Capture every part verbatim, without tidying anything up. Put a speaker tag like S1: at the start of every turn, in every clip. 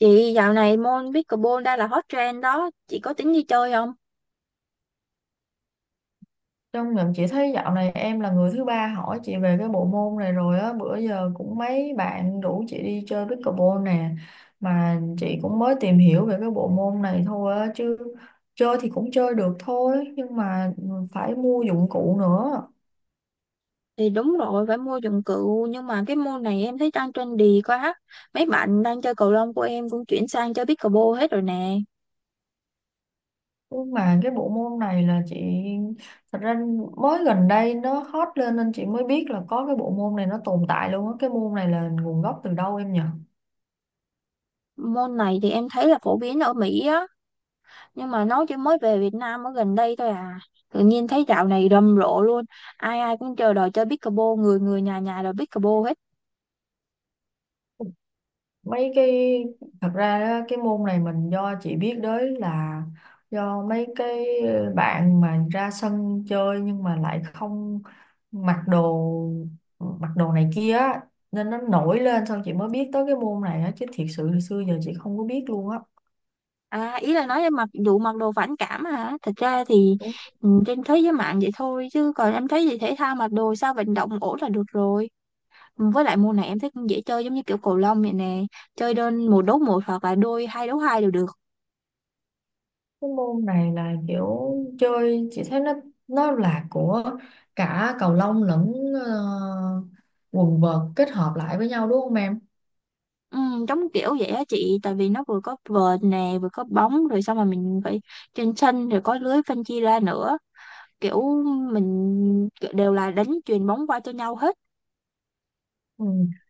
S1: Chị dạo này môn pickleball đang là hot trend đó, chị có tính đi chơi không?
S2: Trong nhóm chị thấy dạo này em là người thứ ba hỏi chị về cái bộ môn này rồi á, bữa giờ cũng mấy bạn rủ chị đi chơi pickleball nè, mà chị cũng mới tìm hiểu về cái bộ môn này thôi á, chứ chơi thì cũng chơi được thôi, nhưng mà phải mua dụng cụ nữa.
S1: Thì đúng rồi, phải mua dụng cụ, nhưng mà cái môn này em thấy đang trendy quá. Mấy bạn đang chơi cầu lông của em cũng chuyển sang chơi pickleball hết rồi nè.
S2: Nhưng mà cái bộ môn này là chị, thật ra, mới gần đây nó hot lên nên chị mới biết là có cái bộ môn này nó tồn tại luôn á. Cái môn này là nguồn gốc từ đâu em nhỉ?
S1: Môn này thì em thấy là phổ biến ở Mỹ á, nhưng mà nó chỉ mới về Việt Nam ở gần đây thôi à. Tự nhiên thấy dạo này rầm rộ luôn, ai ai cũng chờ đòi chơi pickleball, người người nhà nhà đòi pickleball hết.
S2: Mấy cái Thật ra á, cái môn này mình do chị biết đến là do mấy cái bạn mà ra sân chơi nhưng mà lại không mặc đồ mặc đồ này kia á, nên nó nổi lên xong chị mới biết tới cái môn này á, chứ thiệt sự hồi xưa giờ chị không có biết luôn á.
S1: À, ý là nói em mặc vụ mặc đồ phản cảm hả? Thật ra thì
S2: Đúng.
S1: ừ, trên thế giới mạng vậy thôi chứ còn em thấy gì thể thao mặc đồ sao vận động ổn là được rồi. Ừ, với lại môn này em thấy cũng dễ chơi giống như kiểu cầu lông vậy nè, chơi đơn một đấu một hoặc là đôi hai đấu hai đều được.
S2: Cái môn này là kiểu chơi chị thấy nó nó là của cả cầu lông lẫn ờ, quần vợt kết hợp lại với nhau đúng không em?
S1: Ừ, giống kiểu vậy á chị, tại vì nó vừa có vợt nè, vừa có bóng rồi xong mà mình phải trên sân rồi có lưới phân chia ra nữa. Kiểu mình kiểu đều là đánh chuyền bóng qua cho nhau hết.
S2: Ừ.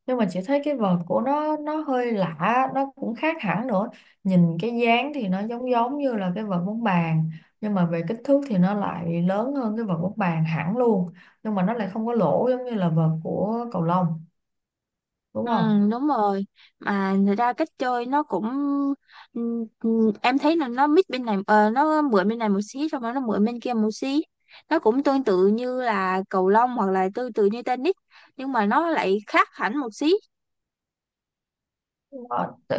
S2: Nhưng mà chị thấy cái vợt của nó nó hơi lạ, nó cũng khác hẳn nữa, nhìn cái dáng thì nó giống giống như là cái vợt bóng bàn, nhưng mà về kích thước thì nó lại lớn hơn cái vợt bóng bàn hẳn luôn, nhưng mà nó lại không có lỗ giống như là vợt của cầu lông, đúng
S1: Ừ,
S2: không?
S1: đúng rồi, mà thật ra cách chơi nó cũng ừ, ừ, em thấy là nó mix bên này, ờ, nó mượn bên này một xí xong rồi nó mượn bên kia một xí. Nó cũng tương tự như là cầu lông hoặc là tương tự như tennis, nhưng mà nó lại khác hẳn một xí.
S2: Ờ, tự-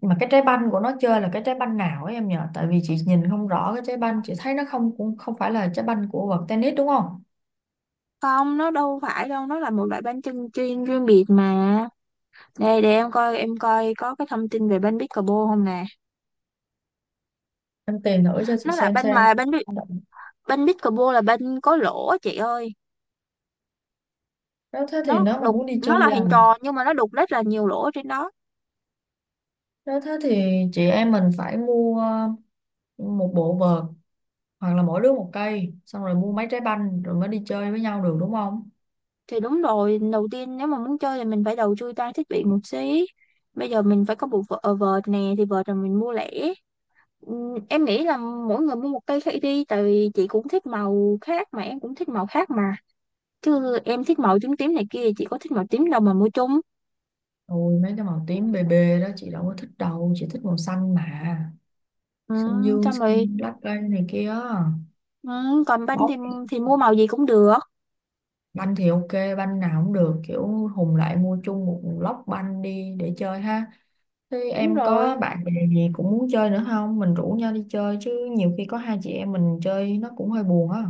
S2: mà cái trái banh của nó chơi là cái trái banh nào ấy em nhỉ, tại vì chị nhìn không rõ, cái trái banh chị thấy nó không, cũng không phải là trái banh của vợt tennis đúng không?
S1: Không, nó đâu phải đâu, nó là một loại banh chân chuyên riêng biệt mà. Đây để em coi em coi có cái thông tin về banh pickleball không nè.
S2: Em tìm thử cho chị
S1: Nó là
S2: xem
S1: banh
S2: xem.
S1: mà banh pic- banh pickleball là banh có lỗ á chị ơi.
S2: Đó thế thì
S1: Nó
S2: nếu mà
S1: đục,
S2: muốn đi chơi
S1: nó là
S2: là...
S1: hình tròn nhưng mà nó đục rất là nhiều lỗ trên đó.
S2: Nếu thế thì chị em mình phải mua một bộ vợt, hoặc là mỗi đứa một cây, xong rồi mua mấy trái banh rồi mới đi chơi với nhau được đúng không?
S1: Thì đúng rồi, đầu tiên nếu mà muốn chơi thì mình phải đầu tư trang thiết bị một xí. Bây giờ mình phải có bộ vợ- ờ, vợt nè, thì vợt là mình mua lẻ. Ừm, em nghĩ là mỗi người mua một cây khác đi, tại vì chị cũng thích màu khác mà em cũng thích màu khác mà, chứ em thích màu tím tím này kia, chị có thích màu tím đâu mà mua chung.
S2: Ôi mấy cái màu tím bề bề đó chị đâu có thích đâu, chị thích màu xanh mà. Xanh
S1: Ừm,
S2: dương,
S1: xong rồi,
S2: xanh lá cây này kia.
S1: ừm, còn banh thì
S2: Bóng
S1: thì mua màu gì cũng được.
S2: banh thì ok, banh nào cũng được, kiểu hùng lại mua chung một lốc banh đi để chơi ha. Thế
S1: Đúng
S2: em có
S1: rồi.
S2: bạn bè gì cũng muốn chơi nữa không? Mình rủ nhau đi chơi chứ, nhiều khi có hai chị em mình chơi nó cũng hơi buồn á.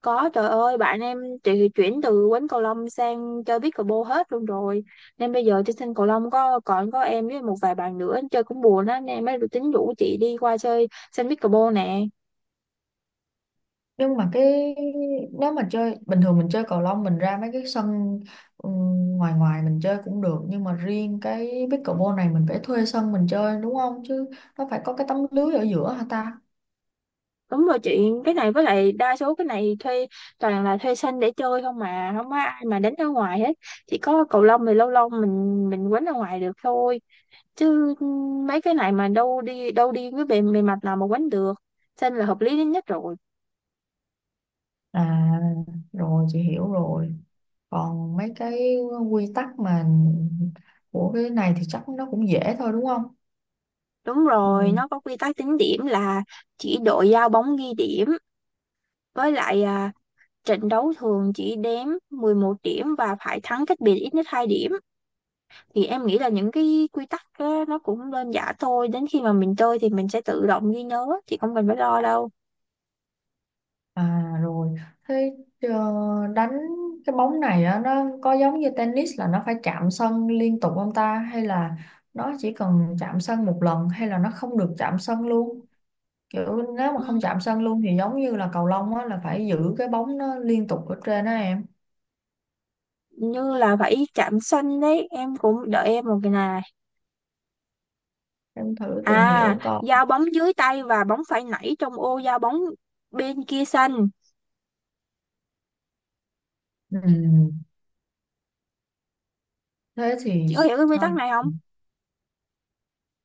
S1: Có trời ơi bạn em, chị thì chuyển từ quánh cầu lông sang chơi pickleball hết luôn rồi, nên bây giờ trên sân cầu lông có còn có em với một vài bạn nữa chơi cũng buồn á, nên em mới tính rủ chị đi qua chơi sân pickleball nè.
S2: Nhưng mà cái, nếu mà chơi bình thường mình chơi cầu lông mình ra mấy cái sân, ừ, ngoài ngoài mình chơi cũng được, nhưng mà riêng cái pickleball này mình phải thuê sân mình chơi đúng không, chứ nó phải có cái tấm lưới ở giữa hả ta?
S1: Đúng rồi chị, cái này với lại đa số cái này thuê, toàn là thuê sân để chơi không mà không có ai mà đánh ở ngoài hết. Chỉ có cầu lông thì lâu lâu mình mình quánh ở ngoài được thôi, chứ mấy cái này mà đâu đi đâu đi với bề bề mặt nào mà quánh được. Sân là hợp lý nhất rồi.
S2: À rồi, chị hiểu rồi. Còn mấy cái quy tắc mà của cái này thì chắc nó cũng dễ thôi đúng không?
S1: Đúng
S2: Ừ.
S1: rồi, nó có quy tắc tính điểm là chỉ đội giao bóng ghi điểm, với lại à, trận đấu thường chỉ đếm mười một điểm và phải thắng cách biệt ít nhất hai điểm. Thì em nghĩ là những cái quy tắc á, nó cũng đơn giản thôi, đến khi mà mình chơi thì mình sẽ tự động ghi nhớ, chị không cần phải lo đâu.
S2: À rồi, thế ờ, đánh cái bóng này á, nó có giống như tennis là nó phải chạm sân liên tục không ta? Hay là nó chỉ cần chạm sân một lần hay là nó không được chạm sân luôn? Kiểu nếu mà
S1: Ừ,
S2: không chạm sân luôn thì giống như là cầu lông á, là phải giữ cái bóng nó liên tục ở trên đó em.
S1: như là phải chạm xanh đấy, em cũng đợi em một cái này.
S2: Em thử tìm
S1: À,
S2: hiểu coi.
S1: giao bóng dưới tay và bóng phải nảy trong ô giao bóng bên kia xanh.
S2: Ừ, thế thì
S1: Chị có hiểu cái quy tắc
S2: không.
S1: này không?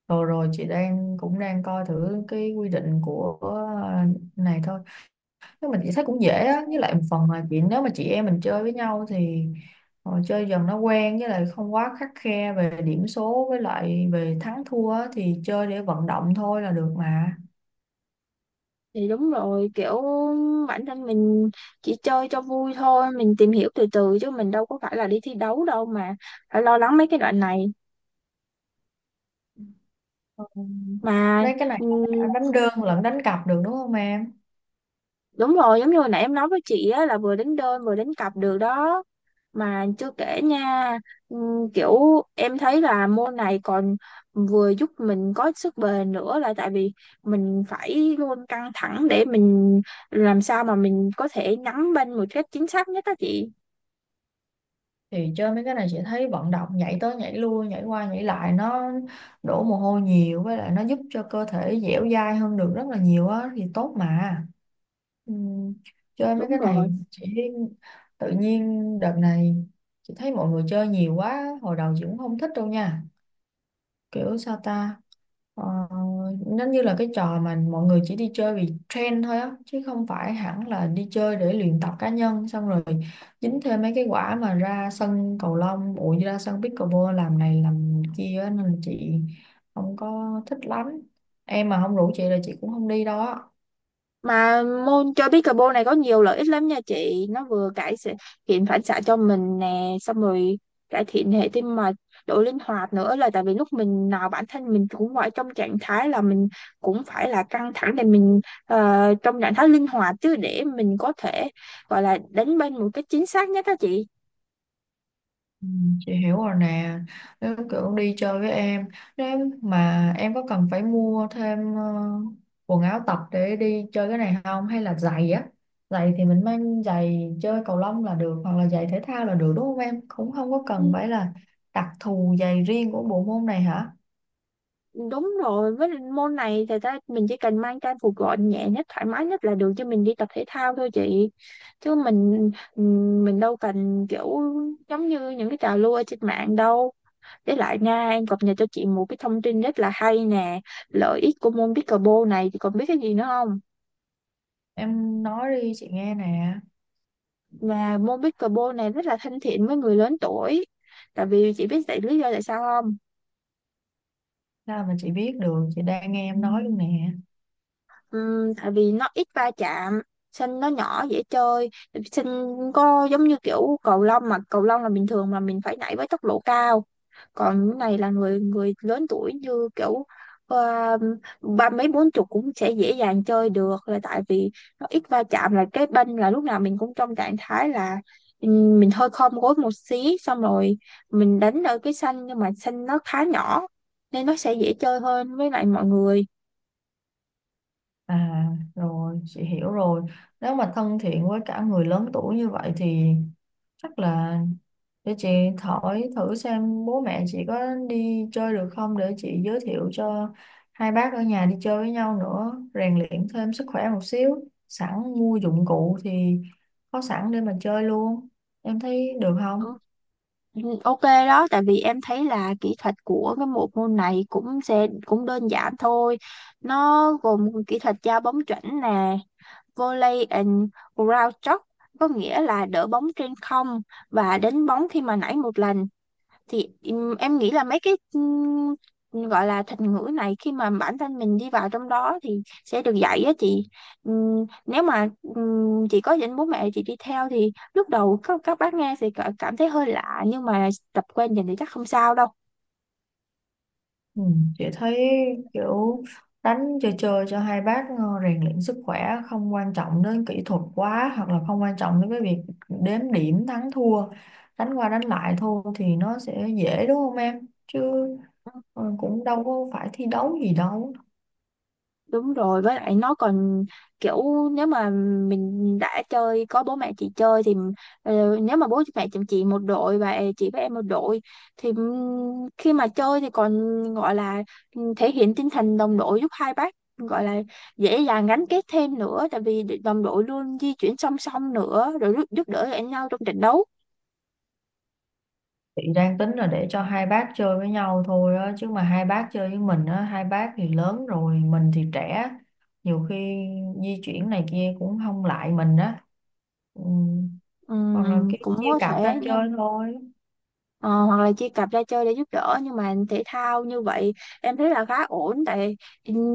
S2: Rồi rồi chị đang cũng đang coi thử cái quy định của ờ, này thôi. Thế mình chỉ thấy cũng dễ á, với lại một phần là chuyện nếu mà chị em mình chơi với nhau thì ờ, chơi dần nó quen, với lại không quá khắt khe về điểm số với lại về thắng thua á, thì chơi để vận động thôi là được mà.
S1: Thì đúng rồi, kiểu bản thân mình chỉ chơi cho vui thôi, mình tìm hiểu từ từ chứ mình đâu có phải là đi thi đấu đâu mà phải lo lắng mấy cái đoạn này.
S2: Ừ.
S1: Mà
S2: Đấy cái này cả
S1: ừm,
S2: đánh đơn lẫn đánh cặp được đúng không em?
S1: đúng rồi, giống như hồi nãy em nói với chị á là vừa đánh đơn vừa đánh cặp được đó. Mà chưa kể nha, ừm, kiểu em thấy là môn này còn vừa giúp mình có sức bền nữa, là tại vì mình phải luôn căng thẳng để mình làm sao mà mình có thể nắm bên một cách chính xác nhất đó chị.
S2: Thì chơi mấy cái này chị thấy vận động nhảy tới nhảy lui nhảy qua nhảy lại nó đổ mồ hôi nhiều, với lại nó giúp cho cơ thể dẻo dai hơn được rất là nhiều á, thì tốt mà. Ừm, chơi mấy
S1: Đúng
S2: cái này
S1: rồi.
S2: chị tự nhiên đợt này chị thấy mọi người chơi nhiều quá, hồi đầu chị cũng không thích đâu nha, kiểu sao ta. Ờ, nó như là cái trò mà mọi người chỉ đi chơi vì trend thôi á, chứ không phải hẳn là đi chơi để luyện tập cá nhân, xong rồi dính thêm mấy cái quả mà ra sân cầu lông ủa ra sân pickleball làm này làm kia á, nên là chị không có thích lắm. Em mà không rủ chị là chị cũng không đi đâu á.
S1: Mà môn chơi pickleball này có nhiều lợi ích lắm nha chị. Nó vừa cải xạ- thiện phản xạ cho mình nè, xong rồi cải thiện hệ tim mạch, độ linh hoạt nữa, là tại vì lúc mình nào bản thân mình cũng phải trong trạng thái là mình cũng phải là căng thẳng để mình, ờ, trong trạng thái linh hoạt chứ, để mình có thể gọi là đánh bên một cách chính xác nhất đó chị.
S2: Ừ, chị hiểu rồi nè. Nếu kiểu đi chơi với em, nếu mà em có cần phải mua thêm ờ, quần áo tập để đi chơi cái này không? Hay là giày á? Giày thì mình mang giày chơi cầu lông là được, hoặc là giày thể thao là được đúng không em? Cũng không có cần
S1: Ừ.
S2: phải là đặc thù giày riêng của bộ môn này hả?
S1: Đúng rồi, với lại môn này thì ta mình chỉ cần mang trang phục gọn nhẹ nhất, thoải mái nhất là được cho mình đi tập thể thao thôi chị. Chứ mình mình đâu cần kiểu, giống như những cái trào lưu ở trên mạng đâu. Với lại nha, em cập nhật cho chị một cái thông tin rất là hay nè. Lợi ích của môn pickleball này chị còn biết cái gì nữa không?
S2: Em nói đi chị nghe nè.
S1: Và môn pickleball này rất là thân thiện với người lớn tuổi. Tại vì chị biết tại lý do tại sao không?
S2: Sao mà chị biết được, chị đang nghe em nói luôn nè.
S1: Ừm, tại vì nó ít va chạm, sân nó nhỏ dễ chơi. Sân có giống như kiểu cầu lông, mà cầu lông là bình thường mà mình phải nhảy với tốc độ cao, còn cái này là người người lớn tuổi như kiểu, ờ, ba mấy bốn chục cũng sẽ dễ dàng chơi được, là tại vì nó ít va chạm, là cái bên là lúc nào mình cũng trong trạng thái là, ừm, mình hơi khom gối một xí xong rồi mình đánh ở cái sân, nhưng mà sân nó khá nhỏ nên nó sẽ dễ chơi hơn với lại mọi người.
S2: À rồi chị hiểu rồi. Nếu mà thân thiện với cả người lớn tuổi như vậy thì chắc là để chị hỏi thử xem bố mẹ chị có đi chơi được không, để chị giới thiệu cho hai bác ở nhà đi chơi với nhau nữa, rèn luyện thêm sức khỏe một xíu, sẵn mua dụng cụ thì có sẵn để mà chơi luôn, em thấy được không?
S1: Ừ, OK đó, tại vì em thấy là kỹ thuật của cái bộ môn này cũng sẽ cũng đơn giản thôi. Nó gồm kỹ thuật giao bóng chuẩn nè, volley and ground stroke, có nghĩa là đỡ bóng trên không và đánh bóng khi mà nảy một lần. Thì ừm, em nghĩ là mấy cái ừm, gọi là thuật ngữ này khi mà bản thân mình đi vào trong đó thì sẽ được dạy á chị. Ừm, nếu mà ừm, chị có dẫn bố mẹ chị đi theo thì lúc đầu các các bác nghe sẽ cả- cảm thấy hơi lạ, nhưng mà tập quen dần thì chắc không sao đâu.
S2: Ừ, chị thấy kiểu đánh chơi chơi cho hai bác ờ, rèn luyện sức khỏe, không quan trọng đến kỹ thuật quá, hoặc là không quan trọng đến cái việc đếm điểm thắng thua, đánh qua đánh lại thôi thì nó sẽ dễ đúng không em, chứ ờ, cũng đâu có phải thi đấu gì đâu.
S1: Đúng rồi, với lại nó còn kiểu, nếu mà mình đã chơi có bố mẹ chị chơi thì, ờ, nếu mà bố mẹ chồng chị một đội và chị với em một đội thì ừm, khi mà chơi thì còn gọi là, ừm, thể hiện tinh thần đồng đội, giúp hai bác gọi là dễ dàng gắn kết thêm nữa, tại vì đồng đội luôn di chuyển song song, nữa rồi giúp, giúp đỡ lẫn nhau trong trận đấu.
S2: Chị đang tính là để cho hai bác chơi với nhau thôi á, chứ mà hai bác chơi với mình á, hai bác thì lớn rồi, mình thì trẻ, nhiều khi di chuyển này kia cũng không lại mình á. Ừ. Còn là
S1: Ừm,
S2: cái
S1: cũng
S2: chia
S1: có
S2: cặp
S1: thể
S2: ra
S1: nhưng...
S2: chơi thôi.
S1: Ờ, hoặc là chia cặp ra chơi để giúp đỡ, nhưng mà thể thao như vậy em thấy là khá ổn, tại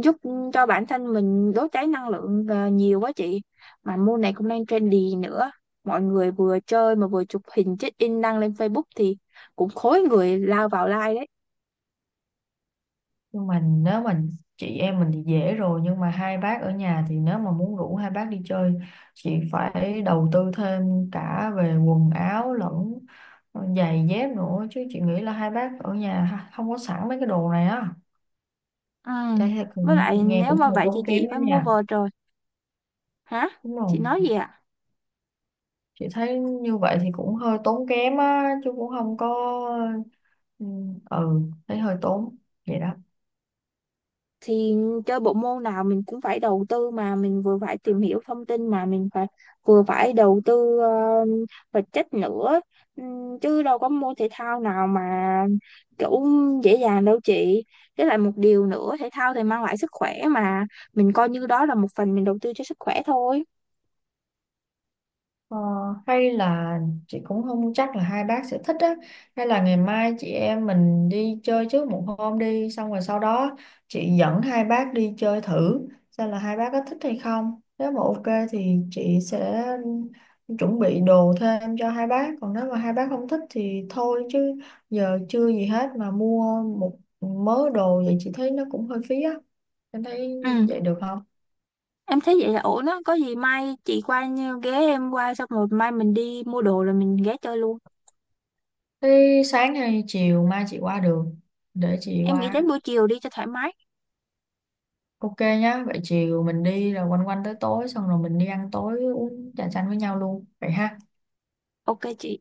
S1: giúp cho bản thân mình đốt cháy năng lượng, ờ, nhiều quá chị. Mà môn này cũng đang trendy nữa, mọi người vừa chơi mà vừa chụp hình check in đăng lên Facebook thì cũng khối người lao vào like đấy.
S2: Nhưng mà nếu mà chị em mình thì dễ rồi, nhưng mà hai bác ở nhà thì nếu mà muốn rủ hai bác đi chơi, chị phải đầu tư thêm cả về quần áo lẫn giày dép nữa, chứ chị nghĩ là hai bác ở nhà ha- không có sẵn mấy cái đồ này á.
S1: Ừ.
S2: Trái là
S1: Với
S2: cũng,
S1: lại
S2: nghe
S1: nếu
S2: cũng
S1: mà
S2: hơi
S1: vậy thì
S2: tốn kém
S1: chị
S2: đó
S1: phải mua
S2: nha.
S1: vợt rồi. Hả?
S2: Đúng
S1: Chị
S2: rồi.
S1: nói gì ạ?
S2: Chị thấy như vậy thì cũng hơi tốn kém á, chứ cũng không có... Ừ, ừ, thấy hơi tốn. Vậy đó.
S1: Thì chơi bộ môn nào mình cũng phải đầu tư mà, mình vừa phải tìm hiểu thông tin mà mình phải vừa phải đầu tư, ờ, vật chất nữa. Ừm, chứ đâu có môn thể thao nào mà kiểu dễ dàng đâu chị, với lại một điều nữa, thể thao thì mang lại sức khỏe mà, mình coi như đó là một phần mình đầu tư cho sức khỏe thôi.
S2: Ờ, hay là chị cũng không chắc là hai bác sẽ thích á, hay là ngày mai chị em mình đi chơi trước một hôm đi, xong rồi sau đó chị dẫn hai bác đi chơi thử xem là hai bác có thích hay không, nếu mà ok thì chị sẽ chuẩn bị đồ thêm cho hai bác, còn nếu mà hai bác không thích thì thôi, chứ giờ chưa gì hết mà mua một mớ đồ vậy chị thấy nó cũng hơi phí á, em thấy
S1: Ừ,
S2: vậy được không?
S1: em thấy vậy là ổn đó, có gì mai chị qua như- ghé em qua, xong rồi mai mình đi mua đồ rồi mình ghé chơi luôn.
S2: Thế sáng hay chiều mai chị qua được, để chị
S1: Em nghĩ
S2: qua.
S1: đến buổi chiều đi cho thoải mái.
S2: Ok nhá, vậy chiều mình đi rồi quanh quanh tới tối xong rồi mình đi ăn tối uống trà chanh với nhau luôn. Vậy ha.
S1: OK chị.